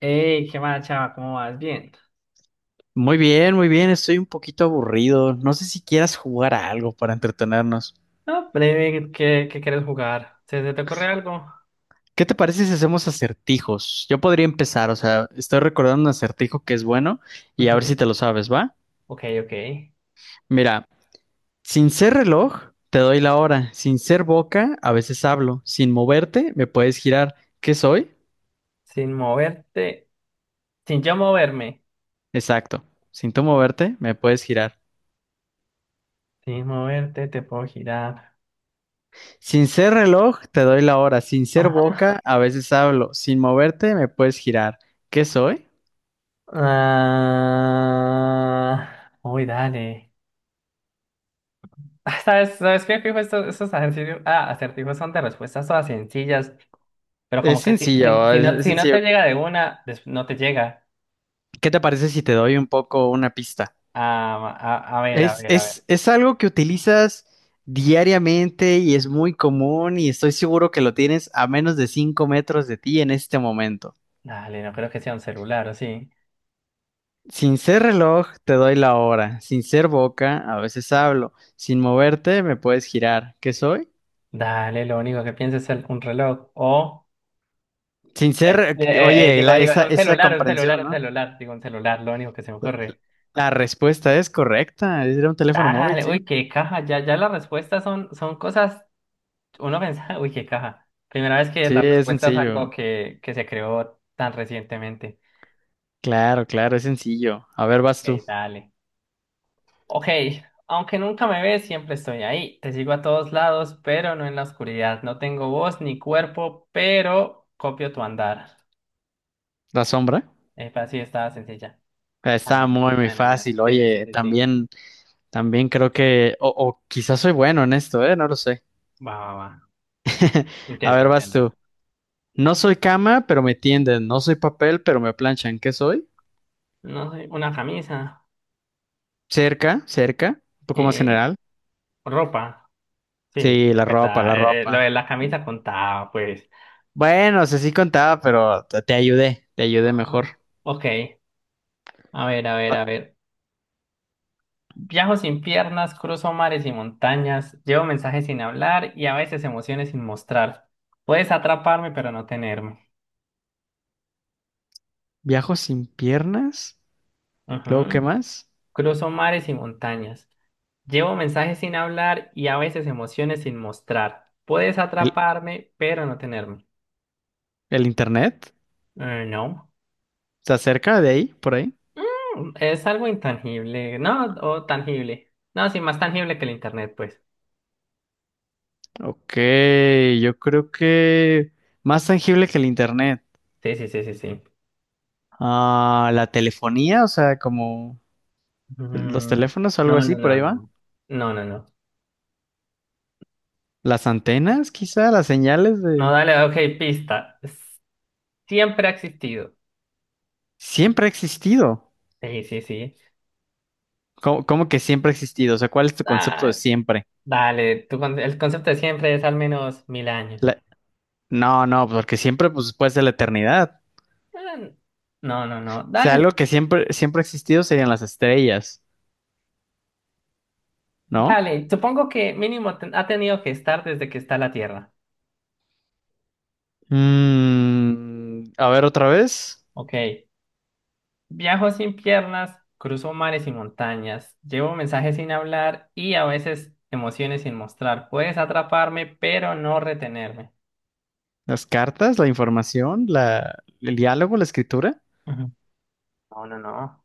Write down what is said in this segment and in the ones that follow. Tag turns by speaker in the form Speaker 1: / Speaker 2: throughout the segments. Speaker 1: Hey, qué mala chava, ¿cómo vas? Bien.
Speaker 2: Muy bien, estoy un poquito aburrido. No sé si quieras jugar a algo para entretenernos.
Speaker 1: No, breve, ¿qué quieres jugar? ¿Se te ocurre algo?
Speaker 2: ¿Qué te parece si hacemos acertijos? Yo podría empezar, o sea, estoy recordando un acertijo que es bueno y a ver si
Speaker 1: Ujú.
Speaker 2: te lo sabes, ¿va?
Speaker 1: Ok, ok.
Speaker 2: Mira, sin ser reloj, te doy la hora. Sin ser boca, a veces hablo. Sin moverte, me puedes girar. ¿Qué soy?
Speaker 1: Sin moverte, sin yo moverme.
Speaker 2: Exacto. Sin tú moverte, me puedes girar.
Speaker 1: Sin moverte, te puedo girar.
Speaker 2: Sin ser reloj, te doy la hora. Sin ser
Speaker 1: Ajá.
Speaker 2: boca, a veces hablo. Sin moverte, me puedes girar. ¿Qué soy?
Speaker 1: Ah, uy, dale. Ah, sabes qué fijo estos ejercicios? Ah, acertijos son de respuestas todas sencillas, pero
Speaker 2: Es
Speaker 1: como que
Speaker 2: sencillo,
Speaker 1: si
Speaker 2: es,
Speaker 1: no,
Speaker 2: es
Speaker 1: si no te
Speaker 2: sencillo.
Speaker 1: llega de una, no te llega.
Speaker 2: ¿Qué te parece si te doy un poco una pista?
Speaker 1: A ver, a
Speaker 2: Es,
Speaker 1: ver, a ver.
Speaker 2: es, es algo que utilizas diariamente y es muy común y estoy seguro que lo tienes a menos de 5 metros de ti en este momento.
Speaker 1: Dale, no creo que sea un celular, ¿o sí?
Speaker 2: Sin ser reloj, te doy la hora. Sin ser boca, a veces hablo. Sin moverte, me puedes girar. ¿Qué soy?
Speaker 1: Dale, lo único que pienso es un reloj.
Speaker 2: Sin ser, oye, la, esa,
Speaker 1: Un
Speaker 2: esa
Speaker 1: celular, un celular,
Speaker 2: comprensión,
Speaker 1: un
Speaker 2: ¿no?
Speaker 1: celular. Digo, un celular, lo único que se me ocurre.
Speaker 2: La respuesta es correcta. Era un teléfono móvil,
Speaker 1: Dale,
Speaker 2: sí.
Speaker 1: uy, qué caja. Ya las respuestas son, son cosas. Uno piensa, uy, qué caja. Primera vez que
Speaker 2: Sí,
Speaker 1: la
Speaker 2: es
Speaker 1: respuesta es algo
Speaker 2: sencillo.
Speaker 1: que se creó tan recientemente.
Speaker 2: Claro, claro, es sencillo. A ver,
Speaker 1: Ok,
Speaker 2: vas tú.
Speaker 1: dale. Ok, aunque nunca me ves, siempre estoy ahí. Te sigo a todos lados, pero no en la oscuridad. No tengo voz ni cuerpo, pero copio tu andar.
Speaker 2: La sombra.
Speaker 1: Es así, está sencilla.
Speaker 2: Está
Speaker 1: Panal.
Speaker 2: muy, muy
Speaker 1: No, no, no, no.
Speaker 2: fácil.
Speaker 1: Sí, sí, sí,
Speaker 2: Oye,
Speaker 1: sí, sí.
Speaker 2: también, también creo que, o quizás soy bueno en esto, ¿eh? No lo sé.
Speaker 1: Va, va, va.
Speaker 2: A
Speaker 1: Intento,
Speaker 2: ver, vas
Speaker 1: intento.
Speaker 2: tú. No soy cama, pero me tienden. No soy papel, pero me planchan. ¿Qué soy?
Speaker 1: No sé, una camisa.
Speaker 2: Cerca, cerca. Un poco más
Speaker 1: Eh,
Speaker 2: general.
Speaker 1: ropa. Sí,
Speaker 2: Sí, la ropa,
Speaker 1: verdad.
Speaker 2: la
Speaker 1: Lo
Speaker 2: ropa.
Speaker 1: de la camisa contaba, pues.
Speaker 2: Bueno, o sea, sí contaba, pero te, te ayudé
Speaker 1: Ah,
Speaker 2: mejor.
Speaker 1: ok. A ver, a ver,
Speaker 2: Va-
Speaker 1: a ver. Viajo sin piernas, cruzo mares y montañas, llevo mensajes sin hablar y a veces emociones sin mostrar. Puedes atraparme, pero no tenerme.
Speaker 2: Viajo sin piernas. Luego, ¿qué
Speaker 1: Ujú.
Speaker 2: más?
Speaker 1: Cruzo mares y montañas. Llevo mensajes sin hablar y a veces emociones sin mostrar. Puedes
Speaker 2: ¿El,
Speaker 1: atraparme, pero no tenerme.
Speaker 2: el internet?
Speaker 1: No.
Speaker 2: ¿Está cerca de ahí, por ahí?
Speaker 1: Es algo intangible, ¿no? O tangible. No, sí, más tangible que el internet, pues.
Speaker 2: Ok, yo creo que más tangible que el internet.
Speaker 1: Sí, sí, sí, sí, sí.
Speaker 2: Ah, la telefonía, o sea, como los
Speaker 1: Mm,
Speaker 2: teléfonos o
Speaker 1: no,
Speaker 2: algo
Speaker 1: no,
Speaker 2: así, por ahí
Speaker 1: no,
Speaker 2: va.
Speaker 1: no. No, no, no.
Speaker 2: Las antenas, quizá, las señales
Speaker 1: No,
Speaker 2: de...
Speaker 1: dale, ok, pista. Siempre ha existido.
Speaker 2: Siempre ha existido.
Speaker 1: Sí, sí, sí.
Speaker 2: ¿Cómo, cómo que siempre ha existido? O sea, ¿cuál es tu concepto de
Speaker 1: Ah,
Speaker 2: siempre?
Speaker 1: dale, el concepto de siempre es al menos mil años.
Speaker 2: La- No, no, porque siempre, pues, puede ser la eternidad.
Speaker 1: Ah, No, no,
Speaker 2: O
Speaker 1: no.
Speaker 2: sea,
Speaker 1: Dale,
Speaker 2: algo que siempre, siempre ha existido serían las estrellas, ¿no?
Speaker 1: Dale, supongo que mínimo ha tenido que estar desde que está la Tierra.
Speaker 2: Mm, a ver otra vez.
Speaker 1: Ok. Viajo sin piernas, cruzo mares y montañas, llevo mensajes sin hablar y a veces emociones sin mostrar. Puedes atraparme, pero no retenerme.
Speaker 2: Las cartas, la información, el diálogo, la escritura.
Speaker 1: Ujú. No, no, no.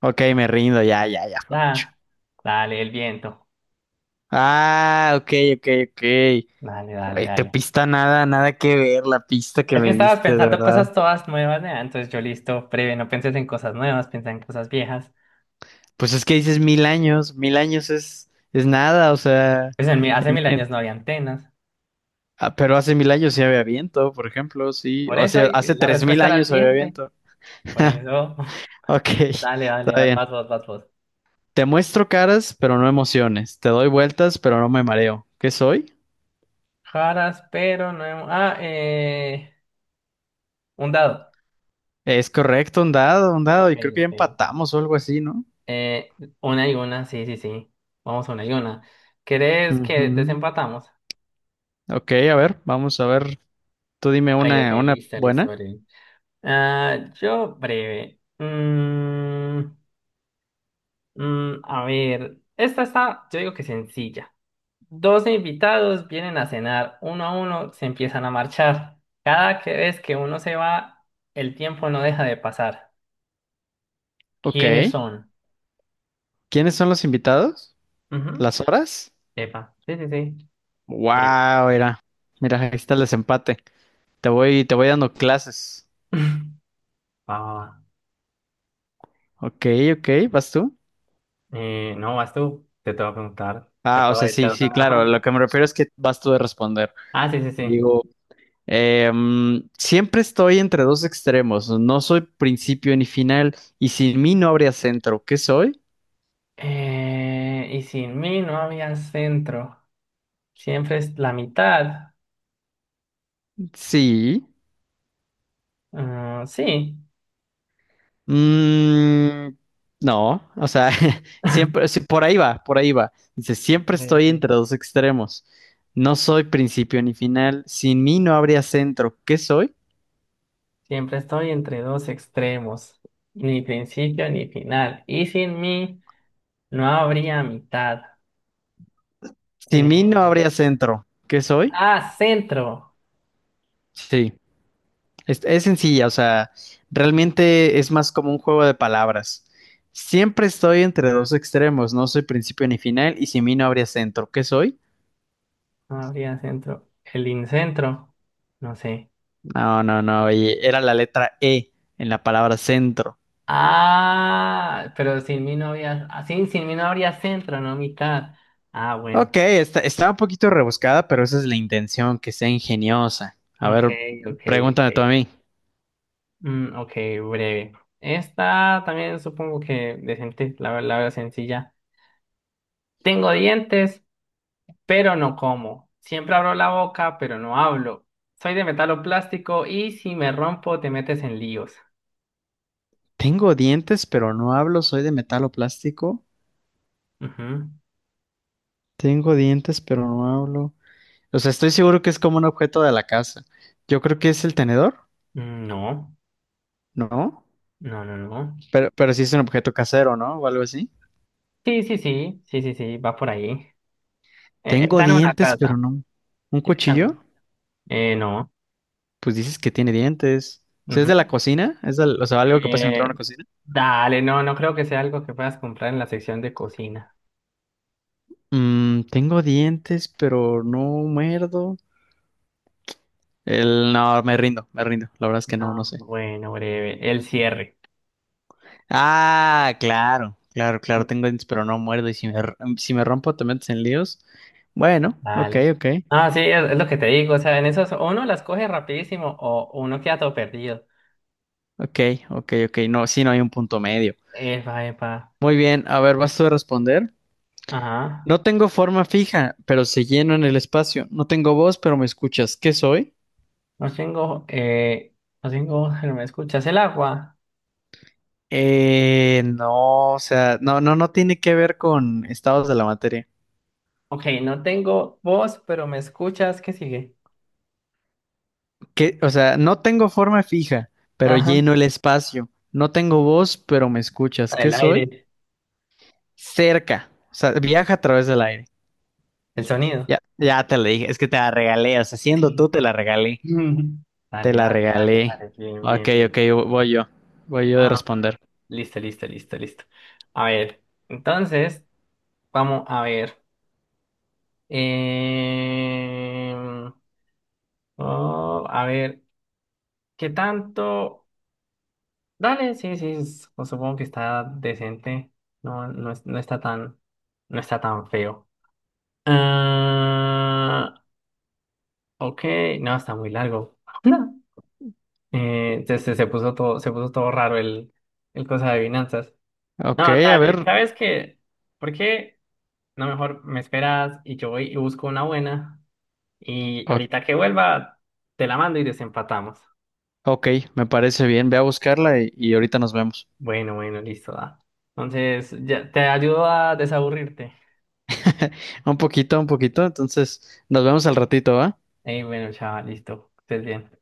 Speaker 2: Ok, me rindo, ya, ya, ya fue mucho.
Speaker 1: Da, dale, el viento.
Speaker 2: Ah, ok, ok, ok.
Speaker 1: Dale, dale,
Speaker 2: Ay, tu
Speaker 1: dale.
Speaker 2: pista nada, nada que ver, la pista que
Speaker 1: Es que
Speaker 2: me
Speaker 1: estabas
Speaker 2: diste, de
Speaker 1: pensando
Speaker 2: verdad.
Speaker 1: cosas todas nuevas, ¿no? Entonces yo listo, breve, no pienses en cosas nuevas, piensa en cosas viejas.
Speaker 2: Pues es que dices 1000 años, 1000 años es nada, o sea,
Speaker 1: Pues hace
Speaker 2: en,
Speaker 1: mil
Speaker 2: en-
Speaker 1: años no había antenas.
Speaker 2: ah, pero hace 1000 años sí había viento, por ejemplo, sí.
Speaker 1: Por
Speaker 2: O
Speaker 1: eso,
Speaker 2: sea, hace
Speaker 1: la
Speaker 2: tres mil
Speaker 1: respuesta era el
Speaker 2: años había
Speaker 1: viento.
Speaker 2: viento.
Speaker 1: Por eso.
Speaker 2: Ok,
Speaker 1: Dale, dale,
Speaker 2: está
Speaker 1: dale,
Speaker 2: bien.
Speaker 1: vas vos, vas vos.
Speaker 2: Te muestro caras, pero no emociones. Te doy vueltas, pero no me mareo. ¿Qué soy?
Speaker 1: Jaras, pero no. Un dado.
Speaker 2: Es correcto, un dado, un dado.
Speaker 1: Ok,
Speaker 2: Y creo que ya
Speaker 1: ok.
Speaker 2: empatamos o algo así, ¿no?
Speaker 1: Eh, una y una, sí, sí, sí. Vamos una y una. ¿Querés que
Speaker 2: Ujú.
Speaker 1: desempatamos?
Speaker 2: Ok, a ver, vamos a ver. Tú dime
Speaker 1: Ok, ok,
Speaker 2: una
Speaker 1: listo, listo,
Speaker 2: buena.
Speaker 1: breve. Yo breve. A ver, esta está, yo digo que sencilla. Dos invitados vienen a cenar, uno a uno se empiezan a marchar. Cada vez que uno se va, el tiempo no deja de pasar.
Speaker 2: Ok.
Speaker 1: ¿Quiénes son?
Speaker 2: ¿Quiénes son los invitados?
Speaker 1: Ujú.
Speaker 2: ¿Las horas?
Speaker 1: Epa, sí, sí, sí. Bien.
Speaker 2: Wow, mira. Mira, ahí está el desempate. Te voy dando clases.
Speaker 1: Va, va, va.
Speaker 2: Ok, ok, ¿vas tú?
Speaker 1: No, vas tú. Te voy a preguntar. Te
Speaker 2: Ah, o
Speaker 1: acabo
Speaker 2: sea,
Speaker 1: de te-.
Speaker 2: sí, sí,
Speaker 1: Ajá.
Speaker 2: claro. Lo que me refiero es que vas tú de responder.
Speaker 1: Sí, sí, sí.
Speaker 2: Digo, siempre estoy entre dos extremos. No soy principio ni final. Y sin mí no habría centro. ¿Qué soy?
Speaker 1: Y sin mí no había centro. Siempre es la mitad.
Speaker 2: Sí.
Speaker 1: Sí.
Speaker 2: Mm, no, o sea, siempre, sí, por ahí va, por ahí va. Dice, siempre
Speaker 1: Ok,
Speaker 2: estoy
Speaker 1: ok.
Speaker 2: entre dos extremos. No soy principio ni final. Sin mí no habría centro. ¿Qué soy?
Speaker 1: Siempre estoy entre dos extremos. Ni principio ni final. Y sin mí no habría mitad.
Speaker 2: Sin mí no
Speaker 1: Eh,
Speaker 2: habría centro. ¿Qué soy?
Speaker 1: centro.
Speaker 2: Sí, es sencilla, o sea, realmente es más como un juego de palabras. Siempre estoy entre dos extremos, no soy principio ni final, y sin mí no habría centro. ¿Qué soy?
Speaker 1: No habría centro. El incentro. No sé.
Speaker 2: No, no, no, oye, era la letra E en la palabra centro.
Speaker 1: Pero sin mí no había. Sí, sin mí no habría centro, no mitad. Ah, bueno.
Speaker 2: Ok, está un poquito rebuscada, pero esa es la intención, que sea ingeniosa. A
Speaker 1: Ok,
Speaker 2: ver,
Speaker 1: ok, ok.
Speaker 2: pregúntame tú a mí.
Speaker 1: Ok, breve. Esta también supongo que decente, la veo sencilla. Tengo dientes, pero no como. Siempre abro la boca, pero no hablo. Soy de metal o plástico y si me rompo te metes en líos.
Speaker 2: Tengo dientes, pero no hablo. ¿Soy de metal o plástico?
Speaker 1: Ujú.
Speaker 2: Tengo dientes, pero no hablo. O sea, estoy seguro que es como un objeto de la casa. Yo creo que es el tenedor,
Speaker 1: Mm, no,
Speaker 2: ¿no?
Speaker 1: no, no, no.
Speaker 2: Pero sí es un objeto casero, ¿no? O algo así.
Speaker 1: Sí, sí, sí, sí, sí, sí, va por ahí.
Speaker 2: Tengo
Speaker 1: Está en una
Speaker 2: dientes,
Speaker 1: casa.
Speaker 2: pero no. ¿Un
Speaker 1: está
Speaker 2: cuchillo?
Speaker 1: en- no.
Speaker 2: Pues dices que tiene dientes. O sea, ¿es de la
Speaker 1: Ujú.
Speaker 2: cocina? ¿Es del- o sea, algo que pasa dentro
Speaker 1: Eh,
Speaker 2: de una cocina?
Speaker 1: dale, no creo que sea algo que puedas comprar en la sección de cocina.
Speaker 2: Mm, tengo dientes, pero no muerdo. El, no, me rindo, me rindo. La verdad es que no, no
Speaker 1: No,
Speaker 2: sé.
Speaker 1: bueno, breve. El cierre.
Speaker 2: Ah, claro, claro, claro.
Speaker 1: Mm,
Speaker 2: Tengo dientes, pero no muerdo. Y si me rompo, te metes en líos. Bueno, ok,
Speaker 1: dale.
Speaker 2: ok.
Speaker 1: Sí, es lo que te digo. O sea, en esos o uno las coge rapidísimo o uno queda todo perdido.
Speaker 2: Ok, ok, ok. No, sí, no hay un punto medio.
Speaker 1: Epa, epa.
Speaker 2: Muy bien, a ver, vas tú a responder.
Speaker 1: Ajá.
Speaker 2: No tengo forma fija, pero se lleno en el espacio. No tengo voz, pero me escuchas. ¿Qué soy?
Speaker 1: No tengo, eh, no tengo voz, pero me escuchas. El agua.
Speaker 2: No, o sea, no, no, no tiene que ver con estados de la materia.
Speaker 1: Ok, no tengo voz, pero me escuchas. ¿Qué sigue?
Speaker 2: Que, o sea, no tengo forma fija, pero
Speaker 1: Ajá.
Speaker 2: lleno el espacio. No tengo voz, pero me escuchas. ¿Qué
Speaker 1: El
Speaker 2: soy?
Speaker 1: aire,
Speaker 2: Cerca. O sea, viaja a través del aire.
Speaker 1: el sonido.
Speaker 2: Ya, ya te la dije. Es que te la regalé. O sea, siendo tú, te la regalé. Te
Speaker 1: Dale,
Speaker 2: la
Speaker 1: dale, dale,
Speaker 2: regalé.
Speaker 1: dale. Bien, bien,
Speaker 2: Ok,
Speaker 1: bien.
Speaker 2: ok, voy yo. Voy yo de
Speaker 1: Ah,
Speaker 2: responder.
Speaker 1: listo, listo, listo, listo. A ver, entonces, vamos a ver. Em, oh, a ver, ¿qué tanto? Dale, sí, sí, pues supongo que está decente. No, no, no está tan, no está tan feo. Ah, ok, no, está muy largo. Se puso todo raro el cosa de adivinanzas.
Speaker 2: Ok,
Speaker 1: No,
Speaker 2: a
Speaker 1: dale,
Speaker 2: ver.
Speaker 1: ¿sabes qué? ¿Por qué no mejor me esperas y yo voy y busco una buena? Y
Speaker 2: o-
Speaker 1: ahorita que vuelva, te la mando y desempatamos.
Speaker 2: ok, me parece bien. Ve a
Speaker 1: Listo.
Speaker 2: buscarla y ahorita nos vemos.
Speaker 1: Bueno, bueno, listo, da. Entonces, ya te ayudo a desaburrirte.
Speaker 2: Un poquito, un poquito. Entonces, nos vemos al ratito, ¿va?
Speaker 1: Ey, bueno, chaval, listo. Que estés bien.